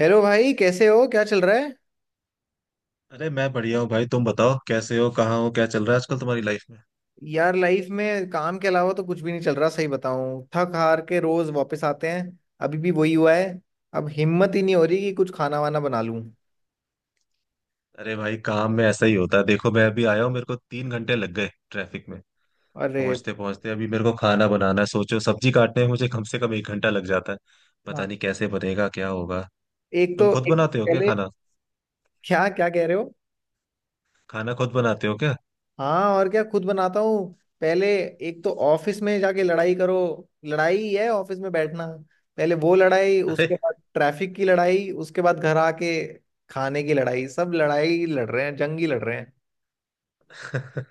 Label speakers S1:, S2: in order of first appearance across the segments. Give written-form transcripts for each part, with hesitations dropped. S1: Hello भाई, कैसे हो? क्या चल रहा है?
S2: अरे मैं बढ़िया हूँ भाई। तुम बताओ कैसे हो, कहाँ हो, क्या चल रहा है आजकल तुम्हारी लाइफ में।
S1: यार, लाइफ में काम के अलावा तो कुछ भी नहीं चल रहा। सही बताऊं, थक हार के रोज वापस आते हैं। अभी भी वही हुआ है। अब हिम्मत ही नहीं हो रही कि कुछ खाना वाना बना लूं।
S2: अरे भाई काम में ऐसा ही होता है। देखो मैं अभी आया हूँ, मेरे को 3 घंटे लग गए ट्रैफिक में।
S1: अरे।
S2: पहुंचते पहुंचते अभी मेरे को खाना बनाना है। सोचो सब्जी काटने में मुझे कम से कम 1 घंटा लग जाता है। पता
S1: हाँ।
S2: नहीं कैसे बनेगा, क्या होगा।
S1: एक
S2: तुम
S1: तो
S2: खुद
S1: एक तो
S2: बनाते हो क्या
S1: पहले।
S2: खाना?
S1: क्या क्या कह रहे हो?
S2: खाना खुद बनाते हो क्या?
S1: हाँ, और क्या, खुद बनाता हूँ। पहले, एक तो ऑफिस में जाके लड़ाई करो। लड़ाई ही है ऑफिस में बैठना। पहले वो लड़ाई,
S2: अरे
S1: उसके बाद ट्रैफिक की लड़ाई, उसके बाद घर आके खाने की लड़ाई। सब लड़ाई लड़ रहे हैं, जंग ही लड़ रहे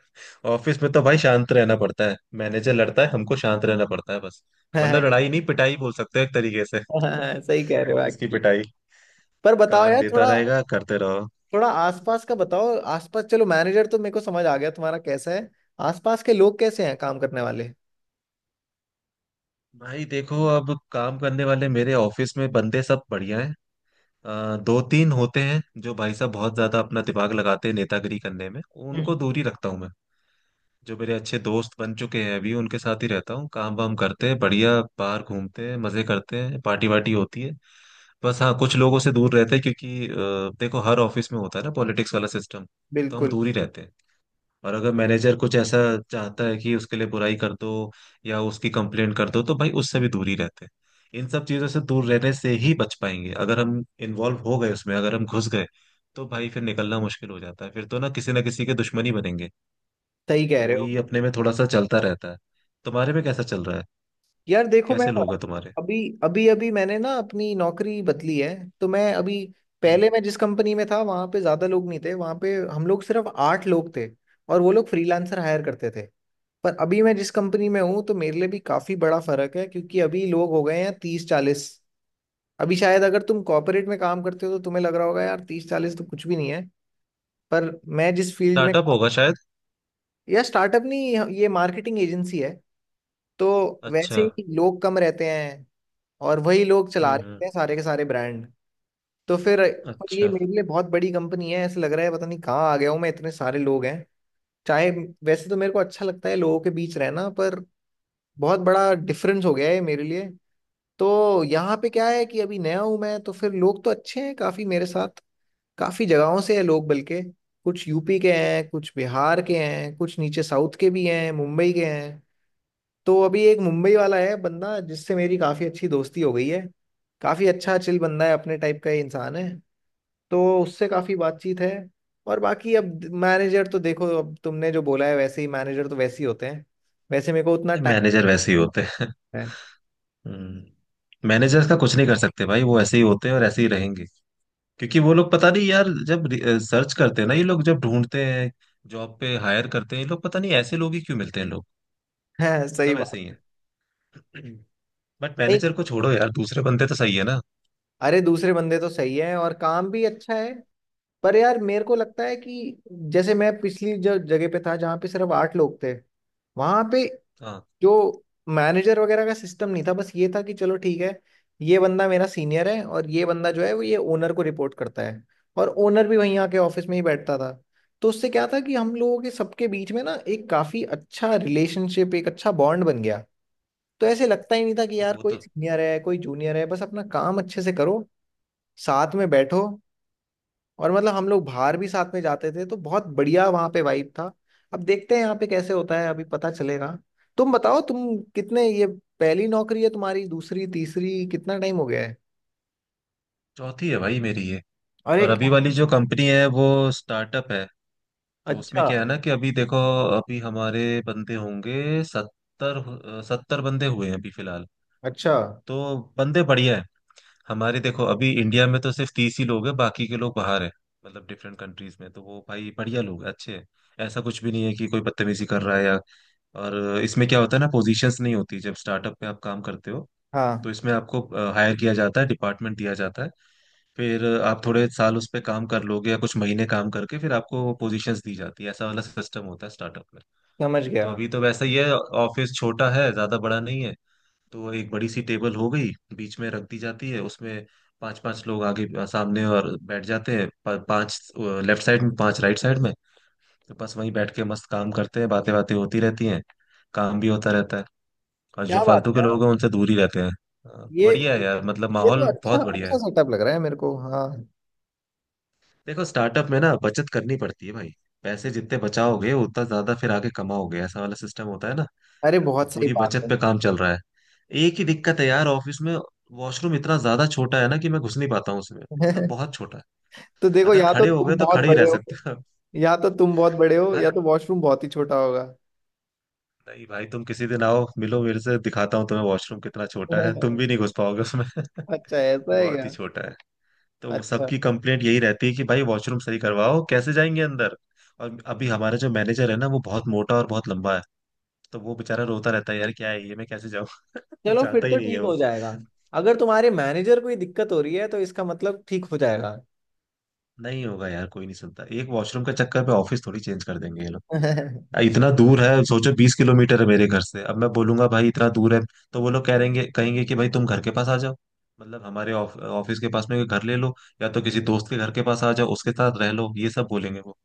S2: ऑफिस में तो भाई शांत रहना पड़ता है। मैनेजर लड़ता है, हमको शांत रहना पड़ता है बस। मतलब
S1: हैं।
S2: लड़ाई नहीं, पिटाई बोल सकते हो एक तरीके से।
S1: हाँ, सही कह रहे हो
S2: ऑफिस की
S1: एक्चुअली।
S2: पिटाई।
S1: पर बताओ
S2: काम
S1: यार,
S2: देता
S1: थोड़ा
S2: रहेगा, करते रहो।
S1: थोड़ा आसपास का बताओ, आसपास। चलो, मैनेजर तो मेरे को समझ आ गया तुम्हारा, कैसा है आसपास के लोग, कैसे हैं काम करने वाले?
S2: भाई देखो अब काम करने वाले मेरे ऑफिस में बंदे सब बढ़िया हैं। दो तीन होते हैं जो भाई साहब बहुत ज्यादा अपना दिमाग लगाते हैं नेतागिरी करने में। उनको
S1: हम्म।
S2: दूरी रखता हूँ मैं। जो मेरे अच्छे दोस्त बन चुके हैं अभी उनके साथ ही रहता हूँ। काम वाम करते हैं, बढ़िया बाहर घूमते हैं, मजे करते हैं, पार्टी वार्टी होती है। बस हाँ कुछ लोगों से दूर रहते हैं क्योंकि देखो हर ऑफिस में होता है ना पॉलिटिक्स वाला सिस्टम। तो हम
S1: बिल्कुल।
S2: दूर ही रहते हैं। और अगर मैनेजर कुछ ऐसा चाहता है कि उसके लिए बुराई कर दो या उसकी कंप्लेंट कर दो, तो भाई उससे भी दूर ही रहते हैं। इन सब चीजों से दूर रहने से ही बच पाएंगे। अगर हम इन्वॉल्व हो गए उसमें, अगर हम घुस गए तो भाई फिर निकलना मुश्किल हो जाता है। फिर तो ना किसी के दुश्मनी बनेंगे।
S1: सही
S2: तो
S1: कह रहे हो।
S2: वही अपने में थोड़ा सा चलता रहता है। तुम्हारे में कैसा चल रहा है?
S1: यार देखो, मैं
S2: कैसे लोग हैं तुम्हारे?
S1: अभी, अभी मैंने ना अपनी नौकरी बदली है। तो मैं अभी,
S2: हम्म।
S1: पहले मैं जिस कंपनी में था वहां पे ज्यादा लोग नहीं थे, वहां पे हम लोग सिर्फ आठ लोग थे। और वो लोग फ्रीलांसर हायर करते थे। पर अभी मैं जिस कंपनी में हूँ, तो मेरे लिए भी काफी बड़ा फर्क है, क्योंकि अभी लोग हो गए हैं 30 40। अभी शायद अगर तुम कॉर्पोरेट में काम करते हो तो तुम्हें लग रहा होगा यार 30 40 तो कुछ भी नहीं है। पर मैं जिस फील्ड में
S2: स्टार्टअप
S1: काम,
S2: होगा शायद।
S1: या स्टार्टअप नहीं, ये मार्केटिंग एजेंसी है। तो वैसे
S2: अच्छा।
S1: ही लोग कम रहते हैं, और वही लोग चला
S2: हम्म।
S1: रहे हैं सारे के सारे ब्रांड। तो फिर, और ये
S2: अच्छा।
S1: मेरे लिए बहुत बड़ी कंपनी है, ऐसे लग रहा है पता नहीं कहाँ आ गया हूँ मैं, इतने सारे लोग हैं। चाहे, वैसे तो मेरे को अच्छा लगता है लोगों के बीच रहना, पर बहुत बड़ा डिफरेंस हो गया है मेरे लिए। तो यहाँ पे क्या है कि अभी नया हूँ मैं, तो फिर लोग तो अच्छे हैं काफी मेरे साथ, काफी जगहों से है लोग बल्कि। कुछ यूपी के हैं, कुछ बिहार के हैं, कुछ नीचे साउथ के भी हैं, मुंबई के हैं। तो अभी एक मुंबई वाला है बंदा जिससे मेरी काफी अच्छी दोस्ती हो गई है। काफी अच्छा चिल बंदा है, अपने टाइप का ही इंसान है। तो उससे काफी बातचीत है। और बाकी अब मैनेजर तो देखो, अब तुमने जो बोला है वैसे ही, मैनेजर तो वैसे ही होते हैं। वैसे मेरे को उतना टाइम
S2: मैनेजर वैसे ही होते हैं। हम्म। मैनेजर्स का कुछ नहीं कर सकते भाई, वो ऐसे ही होते हैं और ऐसे ही रहेंगे। क्योंकि वो लोग पता नहीं यार, जब सर्च करते हैं ना ये लोग, जब ढूंढते हैं जॉब पे हायर करते हैं ये लोग, पता नहीं ऐसे लोग ही क्यों मिलते हैं लोग।
S1: है। सही
S2: सब ऐसे
S1: बात
S2: ही
S1: है।
S2: हैं। बट
S1: नहीं।
S2: मैनेजर को छोड़ो यार, दूसरे बंदे तो सही है ना?
S1: अरे, दूसरे बंदे तो सही है और काम भी अच्छा है। पर यार, मेरे को लगता है कि जैसे मैं पिछली जो जगह पे था, जहाँ पे सिर्फ आठ लोग थे, वहां पे
S2: हाँ
S1: जो मैनेजर वगैरह का सिस्टम नहीं था, बस ये था कि चलो ठीक है, ये बंदा मेरा सीनियर है और ये बंदा जो है वो ये ओनर को रिपोर्ट करता है, और ओनर भी वहीं आके ऑफिस में ही बैठता था। तो उससे क्या था कि हम लोगों के सबके बीच में ना एक काफी अच्छा रिलेशनशिप, एक अच्छा बॉन्ड बन गया। तो ऐसे लगता ही नहीं था कि यार
S2: वो
S1: कोई
S2: तो।
S1: सीनियर है कोई जूनियर है, बस अपना काम अच्छे से करो, साथ में बैठो। और मतलब हम लोग बाहर भी साथ में जाते थे, तो बहुत बढ़िया वहां पे वाइब था। अब देखते हैं यहाँ पे कैसे होता है, अभी पता चलेगा। तुम बताओ, तुम कितने ये, पहली नौकरी है तुम्हारी, दूसरी, तीसरी, कितना टाइम हो गया है?
S2: चौथी है भाई मेरी ये।
S1: अरे
S2: और अभी
S1: क्या!
S2: वाली जो कंपनी है वो स्टार्टअप है। तो उसमें
S1: अच्छा।
S2: क्या है ना कि अभी देखो अभी हमारे बंदे होंगे सत्तर सत्तर बंदे हुए हैं अभी फिलहाल।
S1: अच्छा।
S2: तो बंदे बढ़िया है हमारे। देखो अभी इंडिया में तो सिर्फ 30 ही लोग हैं, बाकी के लोग बाहर हैं, मतलब डिफरेंट कंट्रीज में। तो वो भाई बढ़िया लोग हैं, अच्छे हैं। ऐसा कुछ भी नहीं है कि कोई बदतमीजी कर रहा है या। और इसमें क्या होता है ना, पोजीशंस नहीं होती जब स्टार्टअप में आप काम करते हो। तो
S1: हाँ,
S2: इसमें आपको हायर किया जाता है, डिपार्टमेंट दिया जाता है, फिर आप थोड़े साल उस पर काम कर लोगे या कुछ महीने काम करके फिर आपको पोजीशंस दी जाती है। ऐसा वाला सिस्टम होता है स्टार्टअप में।
S1: समझ
S2: तो
S1: गया।
S2: अभी तो वैसा ही है। ऑफिस छोटा है, ज्यादा बड़ा नहीं है। तो एक बड़ी सी टेबल हो गई बीच में रख दी जाती है, उसमें पांच पांच लोग आगे सामने और बैठ जाते हैं। पांच लेफ्ट साइड में, पांच राइट साइड में। तो बस वहीं बैठ के मस्त काम करते हैं, बातें बातें होती रहती हैं, काम भी होता रहता है। और जो
S1: क्या बात
S2: फालतू के
S1: है!
S2: लोग हैं उनसे दूर ही रहते हैं।
S1: ये
S2: बढ़िया है यार, मतलब
S1: ये तो
S2: माहौल
S1: अच्छा
S2: बहुत बढ़िया
S1: अच्छा
S2: है।
S1: सेटअप लग रहा है मेरे को, हाँ।
S2: देखो स्टार्टअप में ना बचत करनी पड़ती है भाई। पैसे जितने बचाओगे उतना ज्यादा फिर आगे कमाओगे, ऐसा वाला सिस्टम होता है ना।
S1: अरे
S2: तो
S1: बहुत सही
S2: पूरी
S1: बात
S2: बचत
S1: है।
S2: पे काम चल रहा है। एक ही दिक्कत है यार ऑफिस में, वॉशरूम इतना ज्यादा छोटा है ना कि मैं घुस नहीं पाता हूँ उसमें, मतलब बहुत छोटा है।
S1: तो देखो,
S2: अगर खड़े हो गए तो खड़े ही रह सकते हो।
S1: या तो तुम बहुत बड़े हो,
S2: भाई
S1: या तो वॉशरूम बहुत ही छोटा होगा।
S2: नहीं भाई, तुम किसी दिन आओ मिलो मेरे से, दिखाता हूँ तुम्हें वॉशरूम कितना छोटा है, तुम भी नहीं घुस पाओगे उसमें।
S1: अच्छा ऐसा है
S2: बहुत
S1: क्या?
S2: ही छोटा है। तो
S1: अच्छा।
S2: सबकी कंप्लेंट यही रहती है कि भाई वॉशरूम सही करवाओ, कैसे जाएंगे अंदर। और अभी हमारा जो मैनेजर है ना, वो बहुत मोटा और बहुत लंबा है। तो वो बेचारा रोता रहता है यार, क्या है ये, मैं कैसे जाऊँ। वो
S1: चलो फिर
S2: चाहता
S1: तो
S2: ही नहीं है
S1: ठीक
S2: वो।
S1: हो जाएगा। अगर तुम्हारे मैनेजर को ही दिक्कत हो रही है, तो इसका मतलब ठीक हो जाएगा।
S2: नहीं होगा यार, कोई नहीं सुनता। एक वॉशरूम के चक्कर पे ऑफिस थोड़ी चेंज कर देंगे ये लोग। इतना दूर है, सोचो 20 किलोमीटर है मेरे घर से। अब मैं बोलूंगा भाई इतना दूर है, तो वो लोग कह रहेंगे कहेंगे कि भाई तुम घर के पास आ जाओ, मतलब हमारे ऑफिस के पास में कोई घर ले लो, या तो किसी दोस्त के घर के पास आ जाओ उसके साथ रह लो। ये सब बोलेंगे वो।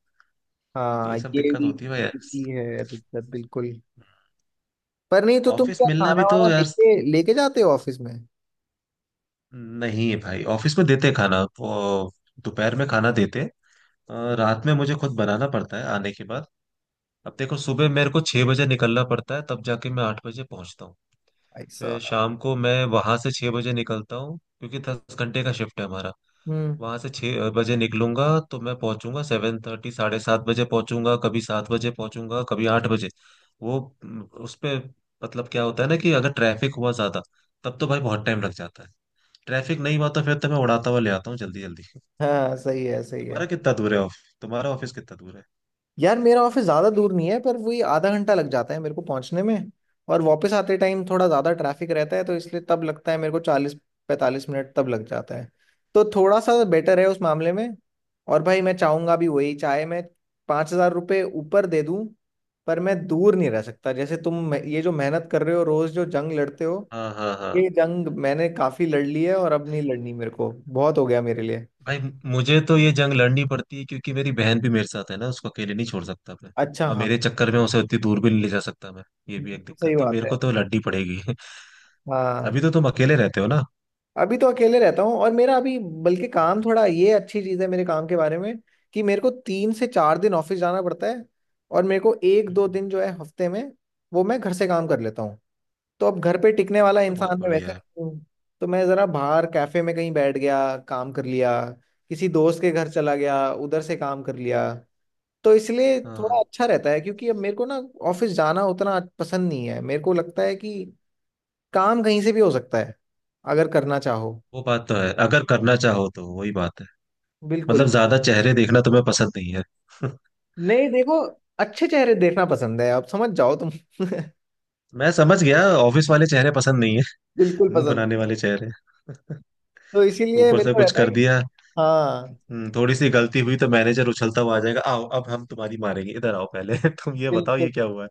S1: हाँ,
S2: ये सब
S1: ये
S2: दिक्कत
S1: भी,
S2: होती है भाई यार।
S1: है दिक्कत, बिल्कुल। पर नहीं, तो तुम
S2: ऑफिस
S1: क्या
S2: मिलना भी
S1: खाना वाना
S2: तो यार
S1: लेके लेके जाते हो ऑफिस में?
S2: नहीं है भाई, ऑफिस में देते खाना वो। दोपहर में खाना देते। रात में मुझे खुद बनाना पड़ता है आने के बाद। अब देखो सुबह मेरे को 6 बजे निकलना पड़ता है, तब जाके मैं 8 बजे पहुंचता हूँ।
S1: भाई
S2: फिर
S1: साहब।
S2: शाम को मैं वहां से 6 बजे निकलता हूँ क्योंकि 10 घंटे का शिफ्ट है हमारा।
S1: हम्म।
S2: वहां से छह बजे निकलूंगा तो मैं पहुंचूंगा 7:30, 7:30 बजे पहुंचूंगा, कभी 7 बजे पहुंचूंगा, कभी 8 बजे। वो म, उस पे मतलब क्या होता है ना कि अगर ट्रैफिक हुआ ज्यादा, तब तो भाई बहुत टाइम लग जाता है। ट्रैफिक नहीं हुआ तो फिर तो मैं उड़ाता हुआ ले आता हूँ, जल्दी जल्दी।
S1: हाँ, सही है, सही है।
S2: तुम्हारा कितना दूर है ऑफिस? तुम्हारा ऑफिस कितना दूर है?
S1: यार, मेरा ऑफिस ज्यादा दूर नहीं है, पर वही आधा घंटा लग जाता है मेरे को पहुंचने में। और वापस आते टाइम थोड़ा ज्यादा ट्रैफिक रहता है, तो इसलिए तब लगता है मेरे को, 40 45 मिनट तब लग जाता है। तो थोड़ा सा बेटर है उस मामले में। और भाई, मैं चाहूंगा भी वही, चाहे मैं 5,000 रुपये ऊपर दे दूं, पर मैं दूर नहीं रह सकता। जैसे तुम ये जो मेहनत कर रहे हो, रोज जो जंग लड़ते हो,
S2: हाँ हाँ हाँ।
S1: ये जंग मैंने काफी लड़ ली है और अब नहीं लड़नी मेरे को, बहुत हो गया मेरे लिए।
S2: भाई मुझे तो ये जंग लड़नी पड़ती है क्योंकि मेरी बहन भी मेरे साथ है ना, उसको अकेले नहीं छोड़ सकता मैं।
S1: अच्छा
S2: और
S1: हाँ।
S2: मेरे चक्कर में उसे उतनी दूर भी नहीं ले जा सकता मैं। ये भी एक
S1: सही
S2: दिक्कत तो
S1: बात
S2: मेरे
S1: है।
S2: को तो लड़नी पड़ेगी। अभी
S1: हाँ।
S2: तो तुम अकेले रहते हो ना?
S1: अभी तो अकेले रहता हूँ, और मेरा अभी बल्कि
S2: हम्म।
S1: काम थोड़ा, ये अच्छी चीज़ है मेरे काम के बारे में, कि मेरे को 3 से 4 दिन ऑफिस जाना पड़ता है, और मेरे को एक दो
S2: हम्म।
S1: दिन जो है हफ्ते में, वो मैं घर से काम कर लेता हूँ। तो अब घर पे टिकने वाला
S2: ये तो बहुत
S1: इंसान मैं वैसे
S2: बढ़िया है।
S1: नहीं हूँ। तो मैं ज़रा बाहर कैफे में कहीं बैठ गया काम कर लिया, किसी दोस्त के घर चला गया उधर से काम कर लिया। तो इसलिए थोड़ा
S2: हाँ
S1: अच्छा रहता है, क्योंकि अब मेरे को ना ऑफिस जाना उतना पसंद नहीं है। मेरे को लगता है कि काम कहीं से भी हो सकता है अगर करना चाहो।
S2: वो बात तो है, अगर करना चाहो तो वही बात है। मतलब
S1: बिल्कुल।
S2: ज्यादा चेहरे देखना तुम्हें पसंद नहीं है।
S1: नहीं देखो, अच्छे चेहरे देखना पसंद है, आप समझ जाओ तुम।
S2: मैं समझ गया, ऑफिस वाले चेहरे पसंद नहीं है।
S1: बिल्कुल
S2: मुंह
S1: पसंद
S2: बनाने
S1: नहीं है।
S2: वाले चेहरे।
S1: तो इसीलिए
S2: ऊपर
S1: मेरे
S2: से
S1: को
S2: कुछ
S1: रहता है
S2: कर
S1: कि,
S2: दिया।
S1: हाँ,
S2: हम्म। थोड़ी सी गलती हुई तो मैनेजर उछलता हुआ आ जाएगा, आओ अब हम तुम्हारी मारेंगे, इधर आओ पहले। तुम ये बताओ
S1: बिल्कुल,
S2: ये क्या हुआ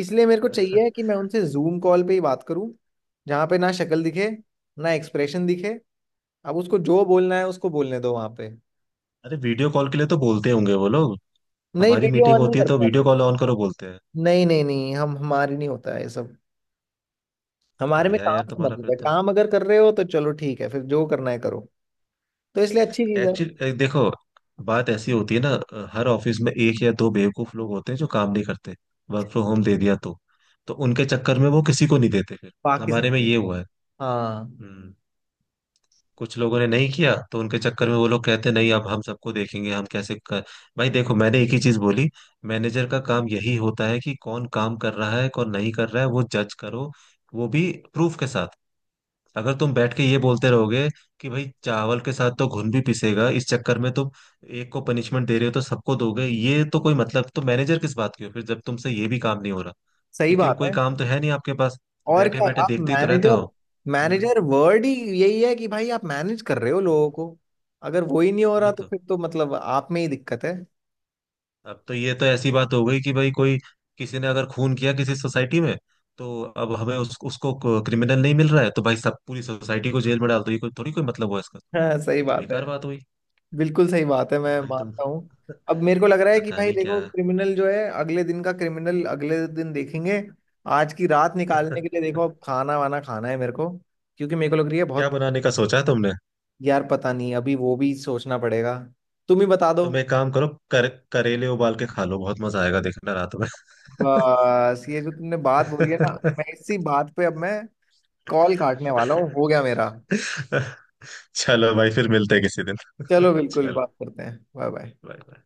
S1: इसलिए मेरे को
S2: है।
S1: चाहिए कि मैं उनसे जूम कॉल पे ही बात करूं, जहाँ पे ना शक्ल दिखे, ना एक्सप्रेशन दिखे। अब उसको जो बोलना है उसको बोलने दो वहां पे।
S2: अरे वीडियो कॉल के लिए तो बोलते होंगे वो लोग।
S1: नहीं,
S2: हमारी
S1: वीडियो
S2: मीटिंग
S1: ऑन नहीं
S2: होती है तो
S1: करता है।
S2: वीडियो कॉल ऑन करो बोलते हैं।
S1: नहीं नहीं नहीं, हम हमारे नहीं होता है ये सब।
S2: तो
S1: हमारे में
S2: बढ़िया है
S1: काम
S2: यार
S1: से
S2: तुम्हारा
S1: मतलब
S2: फिर
S1: है,
S2: तो।
S1: काम अगर कर रहे हो तो चलो ठीक है फिर, जो करना है करो। तो इसलिए अच्छी चीज है।
S2: एक्चुअली देखो बात ऐसी होती है ना, हर ऑफिस में एक या दो बेवकूफ लोग होते हैं जो काम नहीं करते, वर्क फ्रॉम होम दे दिया तो। तो उनके चक्कर में वो किसी को नहीं देते फिर।
S1: बाकी सब
S2: हमारे में ये
S1: कुछ-
S2: हुआ है।
S1: हाँ,
S2: हम्म। कुछ लोगों ने नहीं किया तो उनके चक्कर में वो लोग कहते नहीं, अब हम सबको देखेंगे, हम कैसे कर। भाई देखो मैंने एक ही चीज बोली, मैनेजर का काम यही होता है कि कौन काम कर रहा है कौन नहीं कर रहा है वो जज करो, वो भी प्रूफ के साथ। अगर तुम बैठ के ये बोलते रहोगे कि भाई चावल के साथ तो घुन भी पिसेगा, इस चक्कर में तुम एक को पनिशमेंट दे रहे हो तो सबको दोगे, ये तो कोई मतलब, तो मैनेजर किस बात की हो फिर, जब तुमसे ये भी काम नहीं हो रहा।
S1: सही
S2: क्योंकि वो
S1: बात
S2: कोई
S1: है।
S2: काम तो है नहीं आपके पास,
S1: और
S2: बैठे
S1: क्या,
S2: बैठे
S1: आप
S2: देखते ही तो रहते हो।
S1: मैनेजर,
S2: हम्म।
S1: मैनेजर वर्ड ही यही है कि भाई आप मैनेज कर रहे हो लोगों को। अगर वो ही नहीं हो रहा,
S2: वही
S1: तो
S2: तो।
S1: फिर तो मतलब आप में ही दिक्कत है।
S2: अब तो ये तो ऐसी बात हो गई कि भाई कोई, किसी ने अगर खून किया किसी सोसाइटी में, तो अब हमें उसको क्रिमिनल नहीं मिल रहा है तो भाई सब पूरी सोसाइटी को जेल में डाल दो, ये कोई थोड़ी कोई मतलब हुआ इसका।
S1: हाँ, सही
S2: ये तो
S1: बात है।
S2: बेकार बात हुई।
S1: बिल्कुल सही बात है,
S2: अब
S1: मैं
S2: भाई तुम
S1: मानता हूँ। अब मेरे को लग रहा है कि
S2: पता
S1: भाई
S2: नहीं क्या।
S1: देखो, क्रिमिनल जो है अगले दिन का, क्रिमिनल अगले दिन देखेंगे। आज की रात निकालने के लिए देखो, अब खाना वाना खाना है मेरे को, क्योंकि मेरे को लग रही है
S2: क्या
S1: बहुत।
S2: बनाने का सोचा है तुमने?
S1: यार पता नहीं, अभी वो भी सोचना पड़ेगा, तुम ही बता दो।
S2: तुम एक काम करो, करेले उबाल के खा लो, बहुत मजा आएगा देखना रात में।
S1: बस ये जो तुमने बात बोली है ना, मैं इसी बात पे अब मैं कॉल काटने वाला हूँ, हो गया मेरा।
S2: चलो भाई फिर मिलते हैं किसी दिन।
S1: चलो बिल्कुल,
S2: चलो
S1: बात करते हैं। Bye bye.
S2: बाय।